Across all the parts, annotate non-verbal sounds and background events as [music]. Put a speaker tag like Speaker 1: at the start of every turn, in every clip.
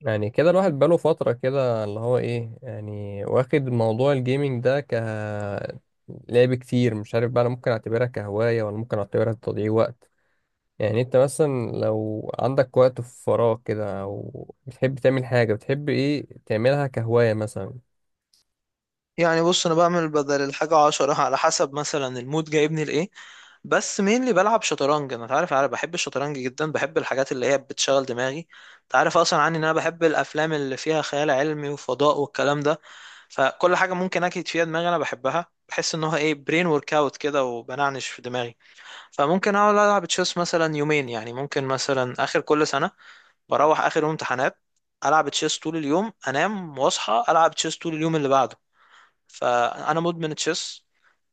Speaker 1: يعني كده الواحد بقاله فترة كده اللي هو ايه يعني واخد موضوع الجيمنج ده لعب كتير. مش عارف بقى، انا ممكن اعتبرها كهواية ولا ممكن اعتبرها تضييع وقت؟ يعني انت مثلا لو عندك وقت في فراغ كده او بتحب تعمل حاجة، بتحب ايه تعملها كهواية مثلا؟
Speaker 2: يعني بص انا بعمل بدل الحاجة عشرة على حسب مثلا المود جايبني لايه. بس مين اللي بلعب شطرنج؟ انا تعرف انا بحب الشطرنج جدا، بحب الحاجات اللي هي بتشغل دماغي. تعرف اصلا عني ان انا بحب الافلام اللي فيها خيال علمي وفضاء والكلام ده. فكل حاجة ممكن اكيد فيها دماغي انا بحبها، بحس ان هو ايه، برين ورك اوت كده وبنعنش في دماغي. فممكن اقعد العب تشيس مثلا يومين، يعني ممكن مثلا اخر كل سنة بروح اخر يوم امتحانات، العب تشيس طول اليوم، انام واصحى العب تشيس طول اليوم اللي بعده، فانا مدمن تشيس.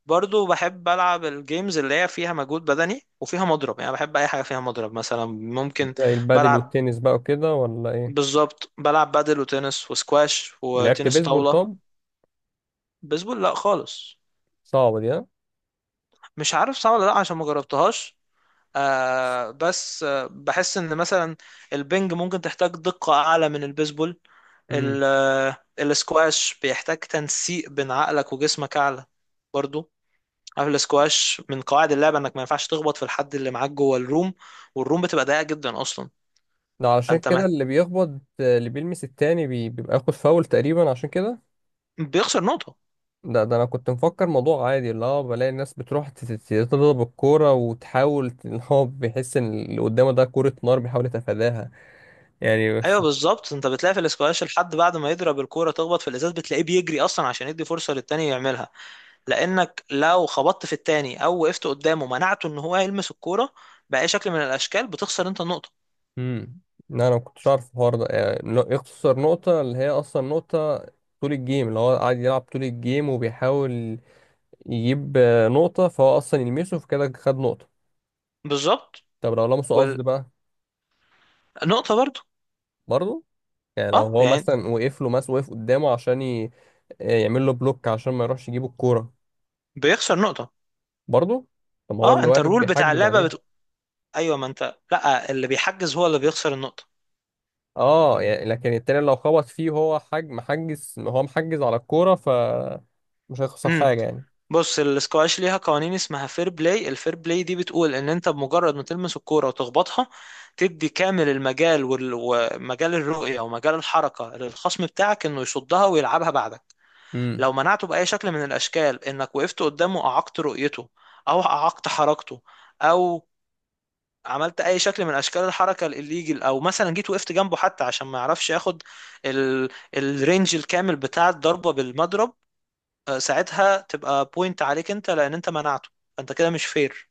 Speaker 2: برضو بحب العب الجيمز اللي هي فيها مجهود بدني وفيها مضرب، يعني بحب اي حاجه فيها مضرب. مثلا ممكن
Speaker 1: زي البادل
Speaker 2: بلعب.
Speaker 1: والتنس بقى وكده ولا ايه؟
Speaker 2: بالظبط بلعب بادل وتنس وسكواش
Speaker 1: لعبت
Speaker 2: وتنس
Speaker 1: بيسبول
Speaker 2: طاوله.
Speaker 1: طب؟
Speaker 2: بيسبول لا خالص.
Speaker 1: صعبة دي ها؟
Speaker 2: مش عارف صح ولا لا عشان ما جربتهاش. آه بس بحس ان مثلا البنج ممكن تحتاج دقه اعلى من البيسبول.
Speaker 1: امم.
Speaker 2: السكواش بيحتاج تنسيق بين عقلك وجسمك اعلى برضو. عارف الاسكواش من قواعد اللعبه انك ما ينفعش تخبط في الحد اللي معاك جوه الروم، والروم بتبقى ضيقه جدا اصلا.
Speaker 1: ده علشان
Speaker 2: فانت
Speaker 1: كده
Speaker 2: مه...
Speaker 1: اللي بيخبط، اللي بيلمس التاني بيبقى ياخد فاول تقريبا، عشان كده.
Speaker 2: بيخسر نقطه.
Speaker 1: ده انا كنت مفكر موضوع عادي، اللي هو بلاقي الناس بتروح تضرب الكوره وتحاول ان هو بيحس ان اللي قدامه ده كوره نار بيحاول يتفاداها يعني.
Speaker 2: ايوه بالظبط، انت بتلاقي في الاسكواش الحد بعد ما يضرب الكوره تخبط في الازاز، بتلاقيه بيجري اصلا عشان يدي فرصه للتاني يعملها. لانك لو خبطت في التاني او وقفت قدامه منعته ان هو يلمس الكوره باي شكل من الاشكال بتخسر انت النقطه.
Speaker 1: امم. لا انا ما كنتش عارف الحوار ده، يعني إنه يخسر نقطه، اللي هي اصلا نقطه طول الجيم اللي هو قاعد يلعب؟ طول الجيم وبيحاول يجيب نقطه، فهو اصلا يلمسه فكده خد نقطه.
Speaker 2: بالظبط،
Speaker 1: طب لو لمسه قصد بقى؟
Speaker 2: والنقطه برضو.
Speaker 1: برضه؟ يعني لو
Speaker 2: اه
Speaker 1: هو
Speaker 2: يعني
Speaker 1: مثلا وقف له، مثلا وقف قدامه عشان ي... آه، يعمل له بلوك عشان ما يروحش يجيب الكوره؟
Speaker 2: بيخسر نقطه.
Speaker 1: برضه؟ طب ما هو
Speaker 2: اه،
Speaker 1: اللي
Speaker 2: انت
Speaker 1: واقف
Speaker 2: الرول بتاع
Speaker 1: بيحجز
Speaker 2: اللعبه
Speaker 1: عليه.
Speaker 2: بت... ايوه ما انت لا، اللي بيحجز هو اللي بيخسر النقطه.
Speaker 1: اه يعني، لكن التاني لو خبط فيه، هو محجز، هو محجز على الكورة، ف مش هيخسر
Speaker 2: إمم.
Speaker 1: حاجة يعني.
Speaker 2: بص الاسكواش ليها قوانين اسمها فير بلاي. الفير بلاي دي بتقول ان انت بمجرد ما تلمس الكوره وتخبطها تدي كامل المجال ومجال الرؤيه ومجال الحركه للخصم بتاعك انه يصدها ويلعبها بعدك.
Speaker 1: امم.
Speaker 2: لو منعته باي شكل من الاشكال، انك وقفت قدامه اعقت رؤيته او اعقت حركته، او عملت اي شكل من اشكال الحركه الليجل، او مثلا جيت وقفت جنبه حتى عشان ما يعرفش ياخد ال... الرينج الكامل بتاع الضربه بالمضرب. ساعتها تبقى بوينت عليك انت لان انت منعته، فانت كده مش فير.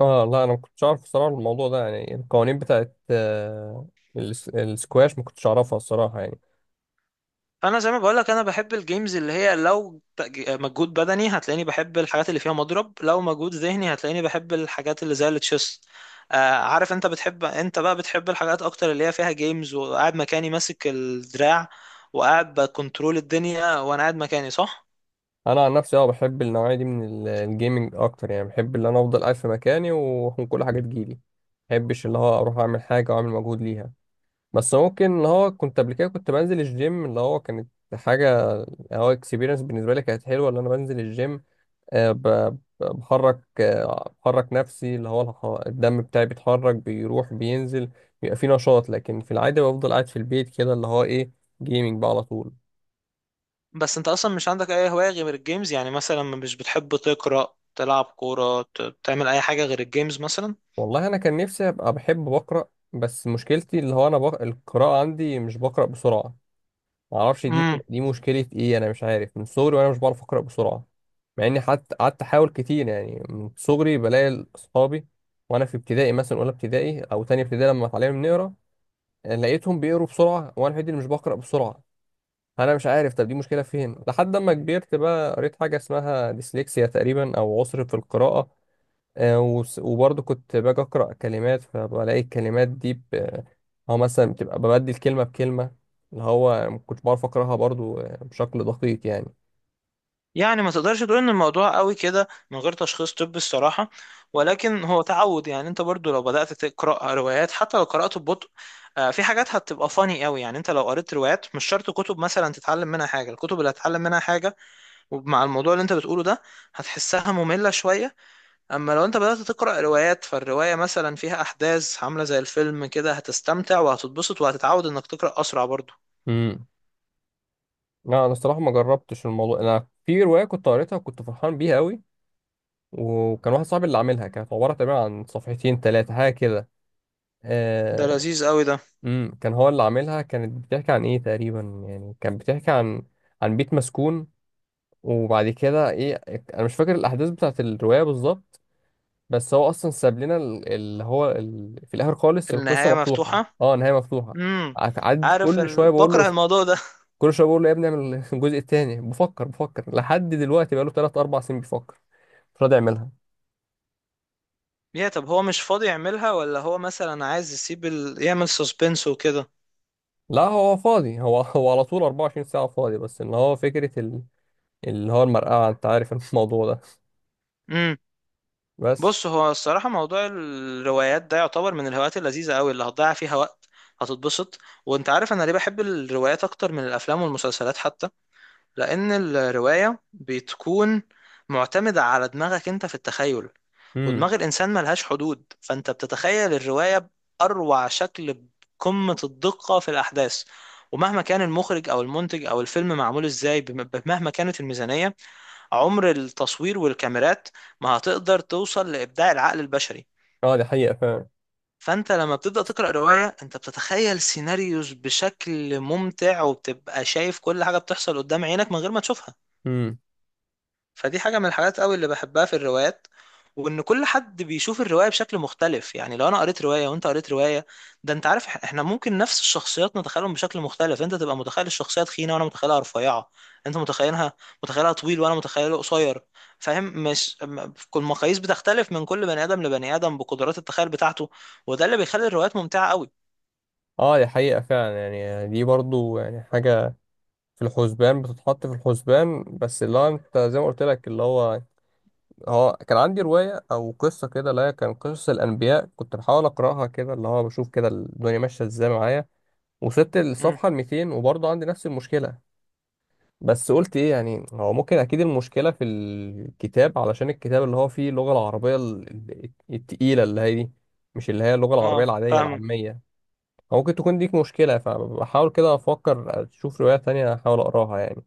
Speaker 1: اه لا انا ما كنتش اعرف الصراحة الموضوع ده، يعني القوانين بتاعت السكواش ما كنتش اعرفها الصراحة يعني.
Speaker 2: فانا زي ما بقول لك انا بحب الجيمز اللي هي لو مجهود بدني هتلاقيني بحب الحاجات اللي فيها مضرب، لو مجهود ذهني هتلاقيني بحب الحاجات اللي زي التشيس. عارف انت بتحب، انت بقى بتحب الحاجات اكتر اللي هي فيها جيمز وقاعد مكاني ماسك الدراع وقاعد بكنترول الدنيا وانا قاعد مكاني صح؟
Speaker 1: انا عن نفسي اه بحب النوعية دي من الجيمنج اكتر، يعني بحب ان انا افضل قاعد في مكاني وكل حاجة تجيلي. ما بحبش اللي هو اروح اعمل حاجة واعمل مجهود ليها. بس ممكن اللي هو كنت قبل كده كنت بنزل الجيم، اللي هو كانت حاجة يعني، هو اكسبيرينس بالنسبة لي كانت حلوة اللي أنا بنزل الجيم. آه، ب- بحرك، بحرك نفسي، اللي هو الدم بتاعي بيتحرك، بيروح بينزل، بيبقى في نشاط. لكن في العادة بفضل قاعد في البيت كده، اللي هو إيه، جيمنج بقى على طول.
Speaker 2: بس انت اصلا مش عندك اي هواية غير الجيمز؟ يعني مثلا مش بتحب تقرأ تلعب كورة تعمل اي حاجة غير الجيمز؟
Speaker 1: والله أنا كان نفسي أبقى بحب بقرأ، بس مشكلتي اللي هو أنا القراءة عندي مش بقرأ بسرعة. معرفش دي
Speaker 2: مثلا،
Speaker 1: دي مشكلة ايه، انا مش عارف. من صغري وانا مش بعرف اقرأ بسرعة، مع اني حتى قعدت احاول كتير. يعني من صغري بلاقي اصحابي وانا في ابتدائي، مثلا اولى ابتدائي او تانية ابتدائي، لما اتعلمنا نقرا لقيتهم بيقروا بسرعة وانا الوحيد اللي مش بقرأ بسرعة. انا مش عارف طب دي مشكلة فين، لحد اما كبرت بقى قريت حاجة اسمها ديسلكسيا تقريبا، او عسر في القراءة. وبرضه كنت باجي أقرأ كلمات فبلاقي الكلمات دي ب... آه، هو مثلا بتبقى ببدل كلمة بكلمة، اللي هو ما كنتش بعرف أقرأها برضه بشكل دقيق يعني.
Speaker 2: يعني ما تقدرش تقول ان الموضوع قوي كده من غير تشخيص طبي الصراحة، ولكن هو تعود. يعني انت برضو لو بدأت تقرأ روايات حتى لو قرأت ببطء في حاجات هتبقى فاني قوي، يعني انت لو قريت روايات مش شرط كتب مثلا تتعلم منها حاجة، الكتب اللي هتتعلم منها حاجة ومع الموضوع اللي انت بتقوله ده هتحسها مملة شوية. اما لو انت بدأت تقرأ روايات، فالرواية مثلا فيها احداث عاملة زي الفيلم كده، هتستمتع وهتتبسط وهتتعود انك تقرأ اسرع برضو.
Speaker 1: امم. لا أنا الصراحة ما جربتش الموضوع. أنا في رواية كنت قريتها وكنت فرحان بيها أوي، وكان واحد صاحبي اللي عاملها، كانت عبارة تقريبا عن صفحتين تلاتة حاجة كده.
Speaker 2: ده
Speaker 1: آه،
Speaker 2: لذيذ قوي ده.
Speaker 1: امم، كان هو اللي عاملها، كانت بتحكي عن إيه تقريبا، يعني كانت بتحكي عن عن بيت مسكون، وبعد كده إيه، أنا مش فاكر الأحداث بتاعت الرواية بالظبط. بس هو اصلا ساب لنا اللي هو في الاخر خالص القصه
Speaker 2: النهاية
Speaker 1: مفتوحه،
Speaker 2: مفتوحة.
Speaker 1: اه نهايه مفتوحه.
Speaker 2: امم.
Speaker 1: قعد
Speaker 2: عارف
Speaker 1: كل شويه بقول له،
Speaker 2: بكره الموضوع ده [laughs]
Speaker 1: كل شويه بقول له يا ابني اعمل [laughs] الجزء الثاني. بفكر بفكر لحد دلوقتي، بقى له 3 4 سنين بيفكر، مش راضي يعملها.
Speaker 2: يا طب هو مش فاضي يعملها ولا هو مثلا عايز يسيب يعمل سسبنس وكده؟
Speaker 1: لا هو فاضي، هو [laughs] هو على طول 24 ساعه فاضي، بس ان هو فكره اللي هو المرقعه، انت عارف الموضوع ده.
Speaker 2: امم.
Speaker 1: بس.
Speaker 2: بص هو الصراحه موضوع الروايات ده يعتبر من الهوايات اللذيذه قوي اللي هتضيع فيها وقت هتتبسط. وانت عارف انا ليه بحب الروايات اكتر من الافلام والمسلسلات حتى؟ لان الروايه بتكون معتمده على دماغك انت في التخيل،
Speaker 1: امم.
Speaker 2: ودماغ الإنسان ملهاش حدود، فأنت بتتخيل الرواية بأروع شكل، بقمة الدقة في الأحداث. ومهما كان المخرج أو المنتج أو الفيلم معمول إزاي، مهما كانت الميزانية، عمر التصوير والكاميرات ما هتقدر توصل لإبداع العقل البشري.
Speaker 1: اه دي حقيقه فعلا.
Speaker 2: فأنت لما بتبدأ تقرأ رواية أنت بتتخيل سيناريوز بشكل ممتع، وبتبقى شايف كل حاجة بتحصل قدام عينك من غير ما تشوفها.
Speaker 1: امم.
Speaker 2: فدي حاجة من الحاجات قوي اللي بحبها في الروايات، وان كل حد بيشوف الرواية بشكل مختلف. يعني لو انا قريت رواية وانت قريت رواية، ده انت عارف، احنا ممكن نفس الشخصيات نتخيلهم بشكل مختلف، انت تبقى متخيل الشخصية تخينة وانا متخيلها رفيعة، انت متخيلها طويل وانا متخيله قصير. فاهم؟ مش كل المقاييس بتختلف من كل بني ادم لبني ادم بقدرات التخيل بتاعته، وده اللي بيخلي الروايات ممتعة قوي.
Speaker 1: اه دي حقيقه فعلا، يعني دي برضو يعني حاجه في الحسبان، بتتحط في الحسبان. بس اللي هو انت زي ما قلت لك، اللي هو هو كان عندي رواية او قصة كده، اللي هي كان قصص الانبياء، كنت بحاول اقراها كده اللي هو بشوف كده الدنيا ماشية ازاي معايا. وصلت
Speaker 2: امم.
Speaker 1: للصفحة 200 وبرضه عندي نفس المشكلة. بس قلت ايه يعني، هو ممكن اكيد المشكلة في الكتاب، علشان الكتاب اللي هو فيه اللغة العربية التقيلة اللي هي دي، مش اللي هي اللغة العربية
Speaker 2: اه
Speaker 1: العادية
Speaker 2: فاهمك.
Speaker 1: العامية. أو ممكن تكون ديك مشكلة، فبحاول كده افكر اشوف رواية تانية احاول اقراها يعني.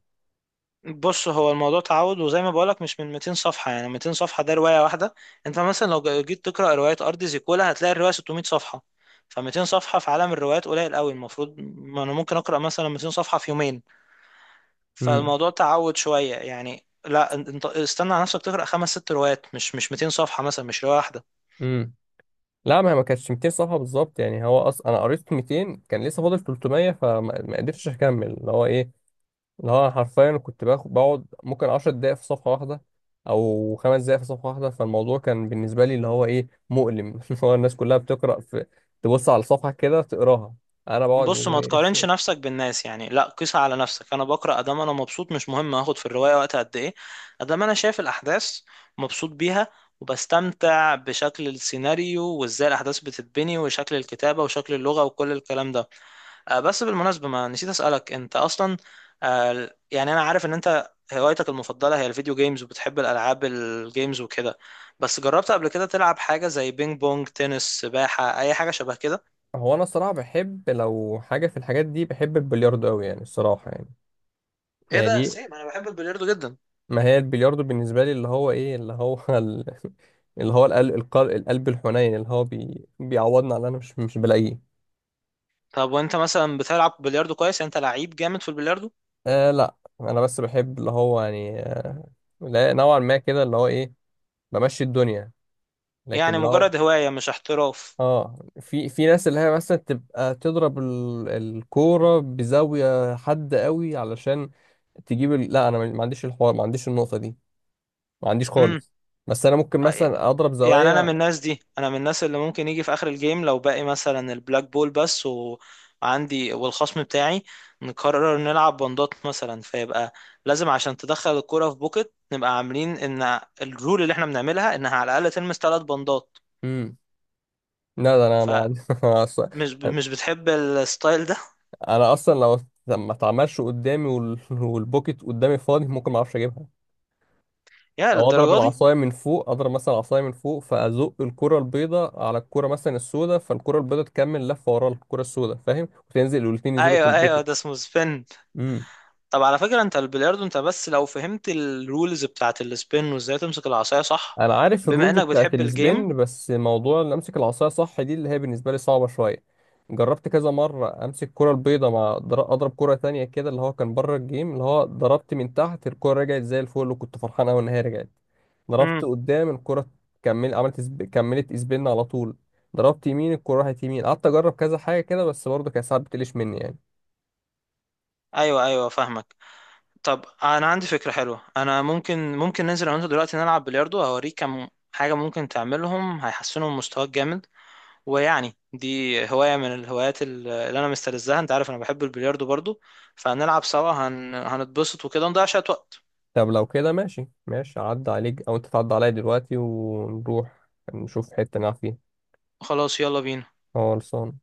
Speaker 2: بص هو الموضوع تعود وزي ما بقولك مش من 200 صفحة، يعني 200 صفحة ده رواية واحدة. انت مثلا لو جيت تقرأ رواية أرض زيكولا هتلاقي الرواية 600 صفحة، ف 200 صفحة في عالم الروايات قليل قوي. المفروض ما انا ممكن أقرأ مثلا 200 صفحة في يومين. فالموضوع تعود شوية، يعني لا، انت استنى على نفسك تقرأ خمس ست روايات، مش 200 صفحة مثلا، مش رواية واحدة.
Speaker 1: امم. لا ما هي ما كانتش 200 صفحة بالظبط، يعني هو أصلا أنا قريت 200 كان لسه فاضل 300، فما ما قدرتش أكمل، اللي هو إيه، اللي هو أنا حرفيا كنت باخد بقعد ممكن 10 دقايق في صفحة واحدة، أو خمس دقايق في صفحة واحدة. فالموضوع كان بالنسبة لي اللي هو إيه، مؤلم. [laughs] اللي هو الناس كلها بتقرأ، في تبص على الصفحة كده تقراها، أنا بقعد
Speaker 2: بص ما
Speaker 1: يعني.
Speaker 2: تقارنش
Speaker 1: [laughs]
Speaker 2: نفسك بالناس، يعني لا، قيس على نفسك. انا بقرا ادام انا مبسوط مش مهم هاخد في الروايه وقت قد ايه، ادام انا شايف الاحداث مبسوط بيها وبستمتع بشكل السيناريو وازاي الاحداث بتتبني وشكل الكتابه وشكل اللغه وكل الكلام ده. بس بالمناسبه ما نسيت اسالك انت اصلا، يعني انا عارف ان انت هوايتك المفضله هي الفيديو جيمز وبتحب الالعاب الجيمز وكده، بس جربت قبل كده تلعب حاجه زي بينج بونج تنس سباحه اي حاجه شبه كده؟
Speaker 1: هو أنا الصراحة بحب لو حاجة في الحاجات دي، بحب البلياردو أوي يعني الصراحة يعني.
Speaker 2: ايه ده
Speaker 1: يعني
Speaker 2: سيم! انا بحب البلياردو جدا.
Speaker 1: ما هي البلياردو بالنسبة لي اللي هو ايه، اللي هو [laughs] اللي هو القلب، القلب, القلب الحنين، اللي هو بيعوضني على اللي انا مش بلاقيه.
Speaker 2: طب وانت مثلا بتلعب بلياردو كويس؟ يعني انت لعيب جامد في البلياردو؟
Speaker 1: آه لا انا بس بحب اللي هو يعني آه، لا نوعا ما كده، اللي هو ايه، بمشي الدنيا. لكن
Speaker 2: يعني
Speaker 1: لو،
Speaker 2: مجرد هواية مش احتراف؟
Speaker 1: اه في ناس اللي هي مثلا تبقى تضرب الكورة بزاوية حد قوي علشان تجيب لا انا ما عنديش الحوار، ما عنديش النقطة دي، ما عنديش
Speaker 2: امم.
Speaker 1: خالص. بس انا ممكن مثلا اضرب
Speaker 2: يعني انا من
Speaker 1: زوايا.
Speaker 2: الناس دي، انا من الناس اللي ممكن يجي في اخر الجيم لو باقي مثلا البلاك بول بس، وعندي والخصم بتاعي نقرر نلعب بندات مثلا، فيبقى لازم عشان تدخل الكرة في بوكت نبقى عاملين ان الرول اللي احنا بنعملها انها على الاقل تلمس ثلاث بندات.
Speaker 1: امم. لا ده انا ما
Speaker 2: فمش
Speaker 1: عندي. [laughs]
Speaker 2: مش بتحب الستايل ده؟
Speaker 1: انا اصلا لو ما اتعملش قدامي [laughs] والبوكيت قدامي فاضي، ممكن ما اعرفش اجيبها.
Speaker 2: يا
Speaker 1: او اضرب
Speaker 2: للدرجة دي!
Speaker 1: العصايه من فوق، اضرب مثلا العصايه من فوق فازق الكره البيضاء على الكره مثلا السوداء، فالكره البيضاء تكمل لفه ورا الكره السوداء، فاهم، وتنزل والاتنين ينزلوا في
Speaker 2: ايوه ايوه
Speaker 1: البوكيت.
Speaker 2: ده اسمه سبين.
Speaker 1: امم.
Speaker 2: طب على فكرة انت البلياردو، انت بس لو فهمت الرولز بتاعت السبين وازاي تمسك العصاية صح،
Speaker 1: انا عارف
Speaker 2: بما
Speaker 1: الرولز
Speaker 2: انك
Speaker 1: بتاعت
Speaker 2: بتحب الجيم.
Speaker 1: السبين، بس موضوع ان امسك العصايه صح دي اللي هي بالنسبه لي صعبه شويه. جربت كذا مره امسك كره البيضه مع اضرب كره تانية كده، اللي هو كان بره الجيم، اللي هو ضربت من تحت الكره رجعت زي الفل، وكنت فرحان قوي ان هي رجعت. ضربت
Speaker 2: امم.
Speaker 1: قدام الكره، كمل، عملت كملت سبين على طول. ضربت يمين الكره راحت يمين، قعدت اجرب كذا حاجه كده، بس برضه كانت ساعات بتقلش مني يعني.
Speaker 2: ايوه ايوه فاهمك. طب انا عندي فكرة حلوة، انا ممكن ننزل انا وانت دلوقتي نلعب بلياردو هوريك كم حاجة ممكن تعملهم هيحسنوا من مستواك جامد، ويعني دي هواية من الهوايات اللي انا مستلذها، انت عارف انا بحب البلياردو برضو، فهنلعب سوا هنتبسط وكده نضيع شوية وقت.
Speaker 1: طب لو كده ماشي ماشي، عدى عليك او انت تعدي عليا دلوقتي، ونروح نشوف حته نلعب فيها.
Speaker 2: خلاص يلا بينا.
Speaker 1: خلصان.